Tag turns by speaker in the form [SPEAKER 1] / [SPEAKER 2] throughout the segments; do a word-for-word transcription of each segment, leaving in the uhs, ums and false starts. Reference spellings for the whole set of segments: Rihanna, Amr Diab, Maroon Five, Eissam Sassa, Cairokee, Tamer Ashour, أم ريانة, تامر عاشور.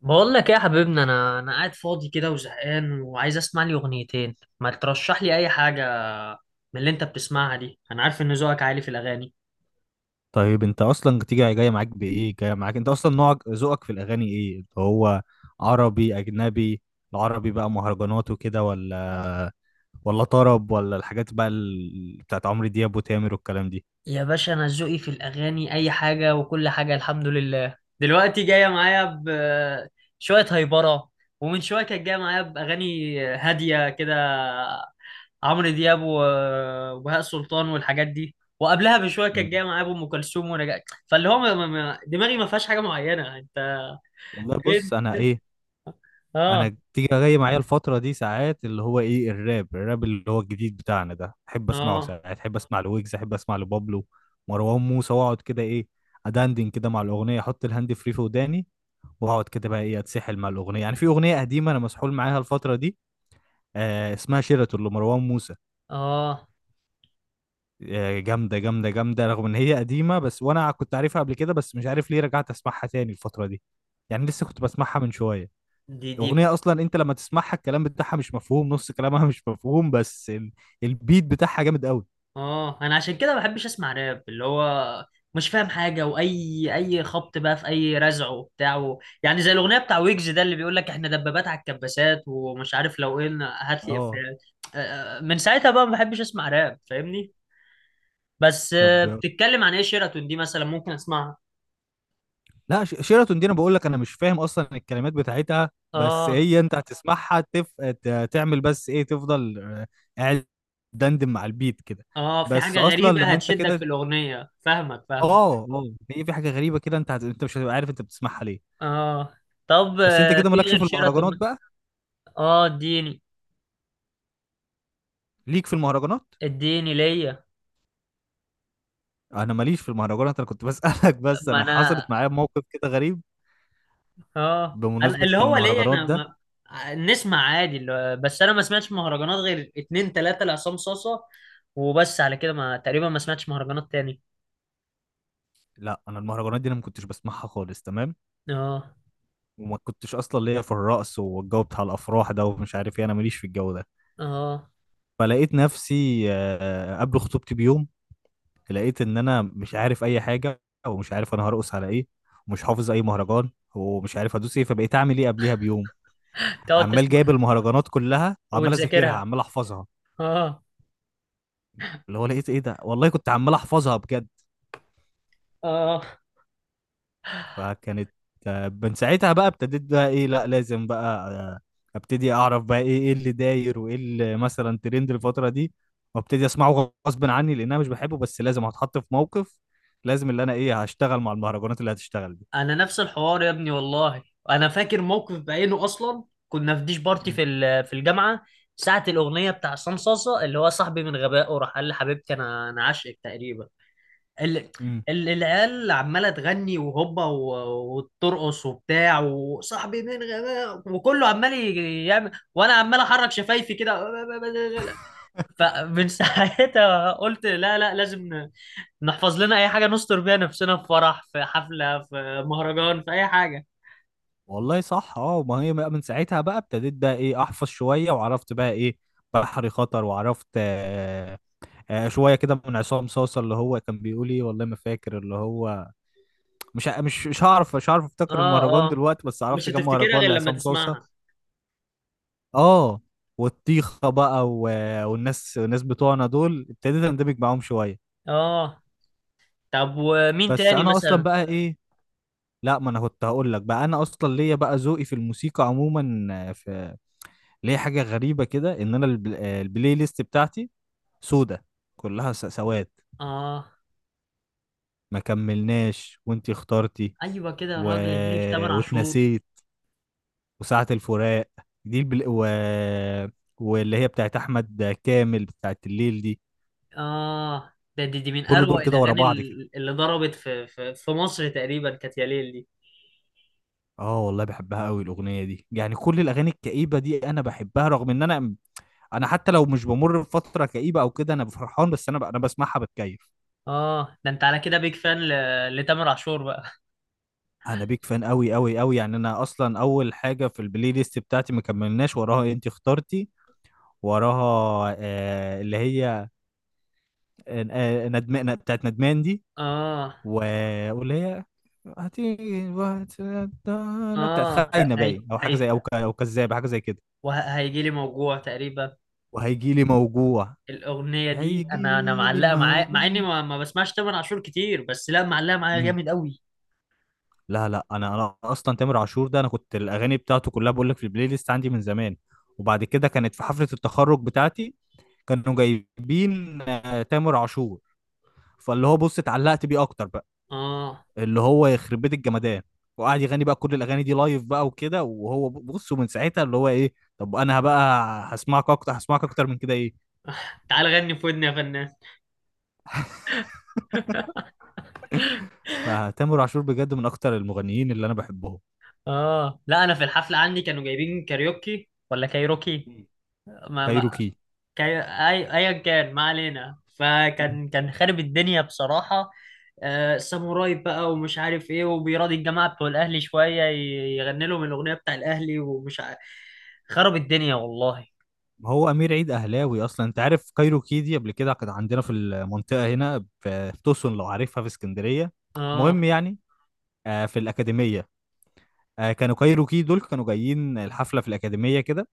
[SPEAKER 1] بقول لك ايه يا حبيبنا؟ انا انا قاعد فاضي كده وزهقان وعايز اسمع لي اغنيتين، ما ترشح لي اي حاجه من اللي انت بتسمعها دي. انا عارف ان ذوقك عالي في الاغاني.
[SPEAKER 2] طيب انت اصلا تيجي جاي معاك بايه، جاي معاك انت اصلا نوعك ذوقك في الاغاني ايه اللي هو، عربي اجنبي؟ العربي بقى مهرجانات وكده، ولا ولا طرب، ولا الحاجات بقى ال... بتاعت عمرو دياب وتامر والكلام دي؟
[SPEAKER 1] يا باشا، انا ذوقي في الاغاني اي حاجه وكل حاجه، الحمد لله. دلوقتي جايه معايا بشويه هايبره، ومن شويه كانت جايه معايا باغاني هاديه كده، عمرو دياب و- وبهاء سلطان والحاجات دي. وقبلها بشويه كانت جايه
[SPEAKER 2] مم.
[SPEAKER 1] معايا بام كلثوم ونجاة. فاللي هو ما- ما- ما- دماغي ما فيهاش حاجه معينه، انت.
[SPEAKER 2] والله
[SPEAKER 1] إيه؟
[SPEAKER 2] بص، انا ايه،
[SPEAKER 1] اه.
[SPEAKER 2] انا تيجي جاي معايا الفتره دي ساعات اللي هو ايه، الراب الراب اللي هو الجديد بتاعنا ده، احب اسمعه.
[SPEAKER 1] اه.
[SPEAKER 2] ساعات احب اسمع لويجز، احب اسمع لبابلو مروان موسى، واقعد كده ايه، ادندن كده مع الاغنيه، احط الهاند فري في وداني، واقعد كده بقى ايه، اتسحل مع الاغنيه. يعني في اغنيه قديمه انا مسحول معاها الفتره دي، آه اسمها شيراتون لمروان موسى.
[SPEAKER 1] اه.
[SPEAKER 2] آه جامده جامده جامده، رغم ان هي قديمه، بس وانا كنت عارفها قبل كده، بس مش عارف ليه رجعت اسمعها تاني الفتره دي، يعني لسه كنت بسمعها من شويه.
[SPEAKER 1] دي دي
[SPEAKER 2] اغنيه اصلا انت لما تسمعها الكلام بتاعها مش مفهوم، نص كلامها مش مفهوم، بس ال- البيت بتاعها جامد قوي.
[SPEAKER 1] اه، انا عشان كده ما بحبش اسمع راب، اللي هو مش فاهم حاجه، واي اي خبط بقى في اي رزع وبتاع و... يعني زي الاغنيه بتاع ويجز ده اللي بيقول لك احنا دبابات على الكباسات ومش عارف لو ايه. هات لي
[SPEAKER 2] اه
[SPEAKER 1] افيهات. آه، آه، من ساعتها بقى ما بحبش اسمع راب، فاهمني. بس، آه،
[SPEAKER 2] طب
[SPEAKER 1] بتتكلم عن ايه شيراتون دي؟ مثلا ممكن اسمعها.
[SPEAKER 2] لا، ش- شيراتون دي انا بقول لك، انا مش فاهم اصلا الكلمات بتاعتها، بس
[SPEAKER 1] اه.
[SPEAKER 2] هي انت هتسمعها تف... ت- تعمل بس ايه، تفضل آه، قاعد، دندن مع البيت كده،
[SPEAKER 1] اه، في
[SPEAKER 2] بس
[SPEAKER 1] حاجه
[SPEAKER 2] اصلا
[SPEAKER 1] غريبه
[SPEAKER 2] لما انت
[SPEAKER 1] هتشدك في
[SPEAKER 2] كده.
[SPEAKER 1] الاغنيه، فاهمك
[SPEAKER 2] اه
[SPEAKER 1] فاهمك.
[SPEAKER 2] اه، هي في حاجه غريبه كده، انت هت... انت مش هتبقى عارف انت بتسمعها ليه.
[SPEAKER 1] اه. طب،
[SPEAKER 2] بس انت
[SPEAKER 1] آه،
[SPEAKER 2] كده
[SPEAKER 1] في
[SPEAKER 2] مالكش
[SPEAKER 1] غير
[SPEAKER 2] في المهرجانات
[SPEAKER 1] شيراتون؟
[SPEAKER 2] بقى.
[SPEAKER 1] اه، اديني.
[SPEAKER 2] ليك في المهرجانات؟
[SPEAKER 1] اديني ليا.
[SPEAKER 2] انا ماليش في المهرجانات، انا كنت بسالك بس،
[SPEAKER 1] ما
[SPEAKER 2] انا حصلت
[SPEAKER 1] انا.
[SPEAKER 2] معايا موقف كده غريب
[SPEAKER 1] اه، انا
[SPEAKER 2] بمناسبه
[SPEAKER 1] اللي هو ليا،
[SPEAKER 2] المهرجانات
[SPEAKER 1] انا
[SPEAKER 2] ده.
[SPEAKER 1] ما... نسمع عادي اللي... بس انا ما سمعتش مهرجانات غير اتنين تلاتة لعصام صاصة. وبس على كده، ما تقريبا ما سمعتش مهرجانات تاني.
[SPEAKER 2] لا، انا المهرجانات دي انا ما كنتش بسمعها خالص، تمام؟
[SPEAKER 1] اه.
[SPEAKER 2] وما كنتش اصلا ليا في الرقص والجو بتاع الافراح ده ومش عارف ايه، انا ماليش في الجو ده.
[SPEAKER 1] اه.
[SPEAKER 2] فلقيت نفسي آه، قبل خطوبتي بيوم، لقيت ان انا مش عارف اي حاجه، ومش عارف انا هرقص على ايه، ومش حافظ اي مهرجان، ومش عارف ادوس ايه، فبقيت اعمل ايه قبليها بيوم،
[SPEAKER 1] تقعد
[SPEAKER 2] عمال
[SPEAKER 1] تسمع
[SPEAKER 2] جايب المهرجانات كلها، وعمال اذاكرها،
[SPEAKER 1] وتذاكرها.
[SPEAKER 2] عمال احفظها.
[SPEAKER 1] اه.
[SPEAKER 2] اللي هو لقيت ايه ده، والله كنت عمال احفظها بجد،
[SPEAKER 1] اه،
[SPEAKER 2] فكانت آه، من ساعتها بقى ابتديت بقى ايه، لا لازم بقى آه، ابتدي اعرف بقى ايه، ايه اللي داير، وايه اللي مثلا ترند الفترة دي، وابتدي اسمعه غصب عني لان انا مش بحبه، بس لازم، هتحط في موقف، لازم اللي انا ايه هشتغل مع المهرجانات اللي هتشتغل دي.
[SPEAKER 1] انا نفس الحوار يا ابني والله. انا فاكر موقف بعينه اصلا، كنا في ديش بارتي
[SPEAKER 2] مم.
[SPEAKER 1] في ال- في الجامعه. ساعه الاغنيه بتاع عصام صاصه، اللي هو صاحبي من غبائه راح قال لحبيبتي انا انا عاشقك تقريبا. ال...
[SPEAKER 2] مم.
[SPEAKER 1] ال- العيال عماله تغني وهوبا و- وترقص وبتاع، وصاحبي من غباء وكله عمال ي- يعمل، وانا عمال احرك شفايفي كده. فمن ساعتها قلت لا لا، لازم ن- نحفظ لنا اي حاجه نستر بيها نفسنا في فرح، في حفله، في مهرجان، في اي حاجه.
[SPEAKER 2] والله صح، اه، ما هي بقى من ساعتها بقى ابتديت بقى ايه احفظ شوية، وعرفت بقى ايه، بحري خطر، وعرفت آه، آه شوية كده من عصام صاصة اللي هو كان بيقول ايه، والله ما فاكر اللي هو، مش ه- مش مش هعرف مش هعرف افتكر
[SPEAKER 1] اه.
[SPEAKER 2] المهرجان
[SPEAKER 1] اه،
[SPEAKER 2] دلوقتي، بس
[SPEAKER 1] مش
[SPEAKER 2] عرفت كم
[SPEAKER 1] هتفتكرها
[SPEAKER 2] مهرجان
[SPEAKER 1] غير لما
[SPEAKER 2] لعصام صوصه.
[SPEAKER 1] تسمعها.
[SPEAKER 2] اه، والطيخه بقى و... والناس، الناس بتوعنا دول ابتديت اندمج معاهم شويه.
[SPEAKER 1] اه. طب، ومين
[SPEAKER 2] بس
[SPEAKER 1] تاني
[SPEAKER 2] انا اصلا
[SPEAKER 1] مثلا؟
[SPEAKER 2] بقى ايه، لا، ما انا كنت هقول لك بقى، انا اصلا ليا بقى ذوقي في الموسيقى عموما آه، في ليا حاجه غريبه كده، ان انا البل... آه، البلاي ليست بتاعتي سودة، كلها س- سواد.
[SPEAKER 1] اه.
[SPEAKER 2] ما كملناش وانتي اخترتي،
[SPEAKER 1] ايوه كده يا
[SPEAKER 2] و...
[SPEAKER 1] راجل، اديني في تمانية عاشور.
[SPEAKER 2] واتنسيت، وساعة الفراق دي، البل... و... واللي هي بتاعت احمد كامل بتاعت الليل دي،
[SPEAKER 1] اه. ده دي, دي من
[SPEAKER 2] كل
[SPEAKER 1] اروع
[SPEAKER 2] دول كده ورا
[SPEAKER 1] الاغاني
[SPEAKER 2] بعض كده.
[SPEAKER 1] ال- اللي ضربت في في, في مصر تقريبا، كانت يا ليل دي.
[SPEAKER 2] اه والله بحبها قوي الاغنيه دي، يعني كل الاغاني الكئيبه دي انا بحبها، رغم ان انا انا حتى لو مش بمر بفتره كئيبه او كده، انا فرحان، بس انا ب... انا بسمعها بتكيف.
[SPEAKER 1] اه، ده انت على كده بيج فان ل- لتامر عاشور بقى.
[SPEAKER 2] انا بيك فان قوي قوي قوي، يعني انا اصلا اول حاجه في البلاي ليست بتاعتي ما كملناش وراها انت اخترتي، وراها آه اللي هي، آه ندمان، بتاعت ندمان دي،
[SPEAKER 1] اه.
[SPEAKER 2] و... واللي هي هتيجي وقت، انا بتاعت
[SPEAKER 1] اه. لا،
[SPEAKER 2] خاينه
[SPEAKER 1] هي
[SPEAKER 2] باين، او حاجه زي،
[SPEAKER 1] هي
[SPEAKER 2] او ك... او كذابه، حاجه زي كده.
[SPEAKER 1] وهيجي لي موجوع تقريبا.
[SPEAKER 2] وهيجي لي موجوع،
[SPEAKER 1] الاغنيه دي
[SPEAKER 2] هيجي
[SPEAKER 1] انا انا
[SPEAKER 2] لي
[SPEAKER 1] معلقه معايا، مع اني
[SPEAKER 2] موجوع.
[SPEAKER 1] ما, ما بسمعش تامر عاشور كتير، بس لا، معلقه معايا
[SPEAKER 2] مم.
[SPEAKER 1] جامد قوي.
[SPEAKER 2] لا لا، انا انا اصلا تامر عاشور ده انا كنت الاغاني بتاعته كلها بقول لك في البلاي ليست عندي من زمان. وبعد كده كانت في حفله التخرج بتاعتي، كانوا جايبين آه، تامر عاشور، فاللي هو بص، اتعلقت بيه اكتر بقى.
[SPEAKER 1] اه،
[SPEAKER 2] اللي هو يخرب بيت الجمدان، وقعد يغني بقى كل الاغاني دي لايف بقى وكده، وهو ب- بص، ومن ساعتها اللي هو ايه، طب انا بقى هسمعك اكتر، هسمعك اكتر من كده ايه.
[SPEAKER 1] تعال غني في ودني يا فنان.
[SPEAKER 2] فتامر عاشور بجد من اكتر المغنيين اللي انا بحبهم.
[SPEAKER 1] اه، لا، انا في الحفله عندي كانوا جايبين كاريوكي ولا كايروكي.
[SPEAKER 2] مم.
[SPEAKER 1] ما, ما
[SPEAKER 2] كايروكي.
[SPEAKER 1] كان أي- ايا كان، ما علينا،
[SPEAKER 2] مم.
[SPEAKER 1] فكان كان خارب الدنيا بصراحة. آه، ساموراي بقى ومش عارف ايه، وبيراضي الجماعة بتوع الاهلي شوية، ي- يغني لهم الاغنية بتاع الاهلي ومش عارف. خرب الدنيا والله.
[SPEAKER 2] هو امير عيد اهلاوي اصلا، انت عارف كايروكي دي قبل كده كانت عندنا في المنطقه هنا في في توسون، لو عارفها في اسكندريه.
[SPEAKER 1] اه،
[SPEAKER 2] المهم يعني، آه، في الاكاديميه، آه، كانوا كايروكي دول كانوا جايين الحفله في الاكاديميه كده،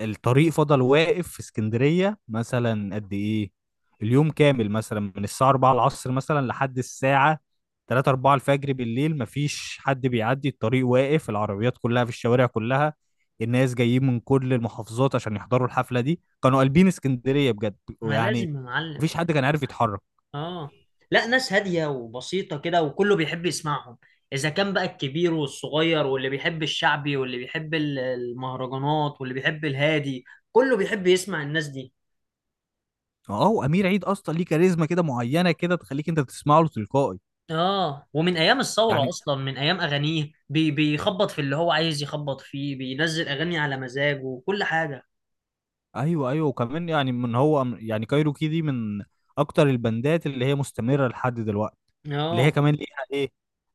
[SPEAKER 2] الطريق فضل واقف في اسكندرية مثلا قد ايه، اليوم كامل مثلا من الساعة أربعة العصر مثلا لحد الساعة تلاتة أربعة الفجر بالليل، مفيش حد بيعدي، الطريق واقف، العربيات كلها في الشوارع كلها. الناس جايين من كل المحافظات عشان يحضروا الحفلة دي، كانوا قلبين اسكندرية بجد،
[SPEAKER 1] ما
[SPEAKER 2] ويعني
[SPEAKER 1] لازم يا معلم.
[SPEAKER 2] مفيش حد كان عارف يتحرك.
[SPEAKER 1] اه، لا، ناس هادية وبسيطة كده، وكله بيحب يسمعهم. اذا كان بقى الكبير والصغير، واللي بيحب الشعبي، واللي بيحب ال- المهرجانات، واللي بيحب الهادي، كله بيحب يسمع الناس دي.
[SPEAKER 2] اه، وامير عيد اصلا ليه كاريزما كده معينة، كده تخليك انت تسمع له تلقائي
[SPEAKER 1] اه، ومن ايام الثوره
[SPEAKER 2] يعني.
[SPEAKER 1] اصلا، من ايام اغانيه بي بيخبط في اللي هو عايز يخبط فيه، بينزل اغاني على مزاجه وكل حاجه.
[SPEAKER 2] ايوه ايوه، وكمان يعني من هو، يعني كايروكي دي من اكتر البندات اللي هي مستمره لحد دلوقتي، اللي هي
[SPEAKER 1] اه.
[SPEAKER 2] كمان ليها ايه،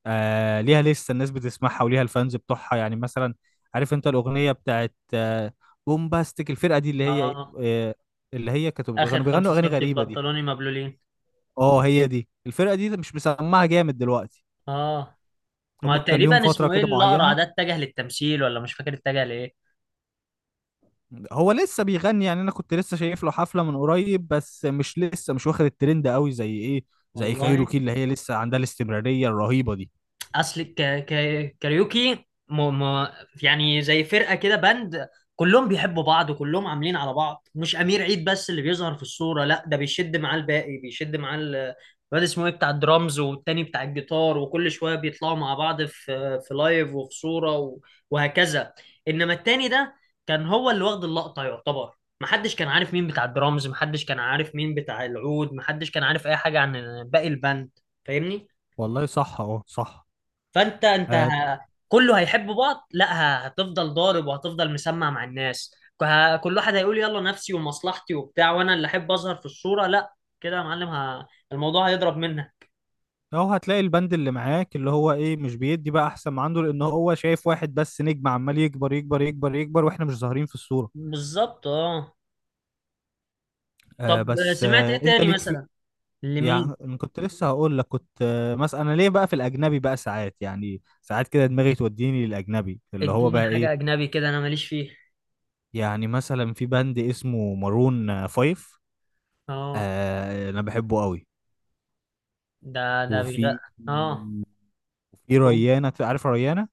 [SPEAKER 2] آه ليها لسه الناس بتسمعها، وليها الفانز بتوعها، يعني مثلا عارف انت الاغنيه بتاعت آه بومباستيك، الفرقه دي اللي هي
[SPEAKER 1] اه،
[SPEAKER 2] آه اللي هي كانت
[SPEAKER 1] اخر
[SPEAKER 2] كانوا
[SPEAKER 1] خمسة
[SPEAKER 2] بيغنوا اغاني
[SPEAKER 1] سم في
[SPEAKER 2] غريبه دي.
[SPEAKER 1] بنطلوني مبلولين.
[SPEAKER 2] اه هي دي الفرقه دي، مش مسمعها جامد دلوقتي،
[SPEAKER 1] اه.
[SPEAKER 2] هم
[SPEAKER 1] ما
[SPEAKER 2] كان ليهم
[SPEAKER 1] تقريبا
[SPEAKER 2] فتره
[SPEAKER 1] اسمه ايه
[SPEAKER 2] كده
[SPEAKER 1] الاقرع
[SPEAKER 2] معينه،
[SPEAKER 1] ده؟ اتجه للتمثيل ولا مش فاكر اتجه لايه.
[SPEAKER 2] هو لسه بيغني يعني، انا كنت لسه شايف له حفله من قريب، بس مش لسه، مش واخد الترند قوي زي ايه، زي
[SPEAKER 1] والله،
[SPEAKER 2] كايروكي، اللي هي لسه عندها الاستمراريه الرهيبه دي.
[SPEAKER 1] اصل ك... ك... كاريوكي م... م... يعني زي فرقه كده، باند، كلهم بيحبوا بعض وكلهم عاملين على بعض، مش امير عيد بس اللي بيظهر في الصوره. لا، ده بيشد معاه الباقي، بيشد معاه ال- الواد اسمه ايه بتاع الدرامز، والتاني بتاع الجيتار، وكل شويه بيطلعوا مع بعض في في لايف وفي صوره و... وهكذا. انما التاني ده كان هو اللي واخد اللقطه يعتبر، محدش كان عارف مين بتاع الدرامز، محدش كان عارف مين بتاع العود، محدش كان عارف اي حاجه عن باقي الباند. فاهمني.
[SPEAKER 2] والله صح اه صح.
[SPEAKER 1] فانت انت
[SPEAKER 2] اه
[SPEAKER 1] كله هيحب بعض؟ لا، ه- هتفضل ضارب وهتفضل مسمع مع الناس. ه- كل واحد هيقول يلا نفسي ومصلحتي وبتاع، وانا اللي احب اظهر في الصورة. لا، كده يا معلم ه... الموضوع هيضرب منك.
[SPEAKER 2] أهو هتلاقي البند اللي معاك اللي هو ايه مش بيدي بقى احسن ما عنده، لان هو شايف واحد بس نجم عمال يكبر يكبر يكبر يكبر، واحنا مش ظاهرين في الصوره.
[SPEAKER 1] بالظبط، اه. طب،
[SPEAKER 2] آه بس
[SPEAKER 1] سمعت
[SPEAKER 2] آه
[SPEAKER 1] ايه
[SPEAKER 2] انت
[SPEAKER 1] تاني
[SPEAKER 2] ليك في،
[SPEAKER 1] مثلا؟ لمين؟
[SPEAKER 2] يعني أنا كنت لسه هقول لك كنت آه مثلا، انا ليه بقى في الاجنبي بقى ساعات، يعني ساعات كده دماغي توديني للاجنبي اللي هو
[SPEAKER 1] اديني
[SPEAKER 2] بقى
[SPEAKER 1] حاجة
[SPEAKER 2] ايه،
[SPEAKER 1] اجنبي كده، انا ماليش فيه.
[SPEAKER 2] يعني مثلا في باند اسمه مارون فايف.
[SPEAKER 1] اه.
[SPEAKER 2] آه انا بحبه قوي.
[SPEAKER 1] ده ده بيغ.
[SPEAKER 2] وفي
[SPEAKER 1] اه.
[SPEAKER 2] في ريانة، عارف ريانة؟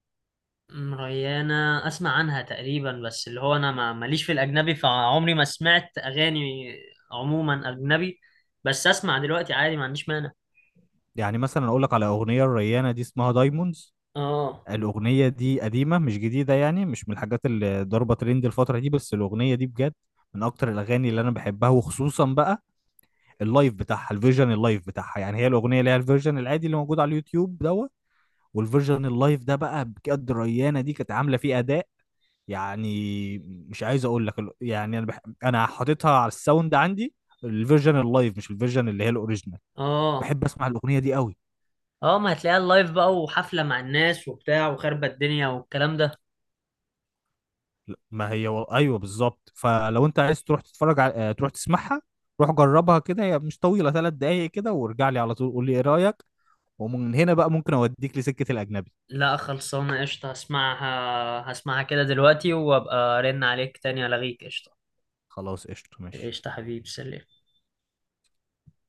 [SPEAKER 1] أم، ريانة أسمع عنها تقريبا، بس اللي هو أنا ما ماليش في الأجنبي، فعمري ما سمعت أغاني عموما أجنبي، بس أسمع دلوقتي عادي، ما عنديش مانع.
[SPEAKER 2] يعني مثلا اقول لك على اغنية الريانة دي، اسمها دايموندز،
[SPEAKER 1] آه
[SPEAKER 2] الاغنية دي قديمة مش جديدة، يعني مش من الحاجات اللي ضربة ترند الفترة دي، بس الاغنية دي بجد من اكتر الاغاني اللي انا بحبها، وخصوصا بقى اللايف بتاعها، الفيرجن اللايف بتاعها، يعني هي الاغنية اللي هي الفيرجن العادي اللي موجود على اليوتيوب دوت، والفيرجن اللايف ده بقى بجد، ريانة دي كانت عاملة فيه اداء، يعني مش عايز اقول لك ال- يعني انا بح... انا حاططها على الساوند عندي، الفيرجن اللايف مش الفيرجن اللي هي الاوريجينال،
[SPEAKER 1] آه
[SPEAKER 2] بحب اسمع الاغنيه دي قوي.
[SPEAKER 1] آه ما هتلاقيها اللايف بقى، وحفلة مع الناس وبتاع وخربة الدنيا والكلام ده.
[SPEAKER 2] ما هي و... ايوه بالظبط، فلو انت عايز تروح تتفرج على... آه، تروح تسمعها، روح جربها كده، هي مش طويله، ثلاث دقايق كده، وارجع لي على طول قول لي ايه رايك، ومن هنا بقى ممكن اوديك لسكه الاجنبي.
[SPEAKER 1] لا، خلصانة قشطة، هسمعها هسمعها كده دلوقتي، وأبقى أرن عليك تاني ألغيك. قشطة.
[SPEAKER 2] خلاص قشطه ماشي.
[SPEAKER 1] قشطة حبيبي، سلام.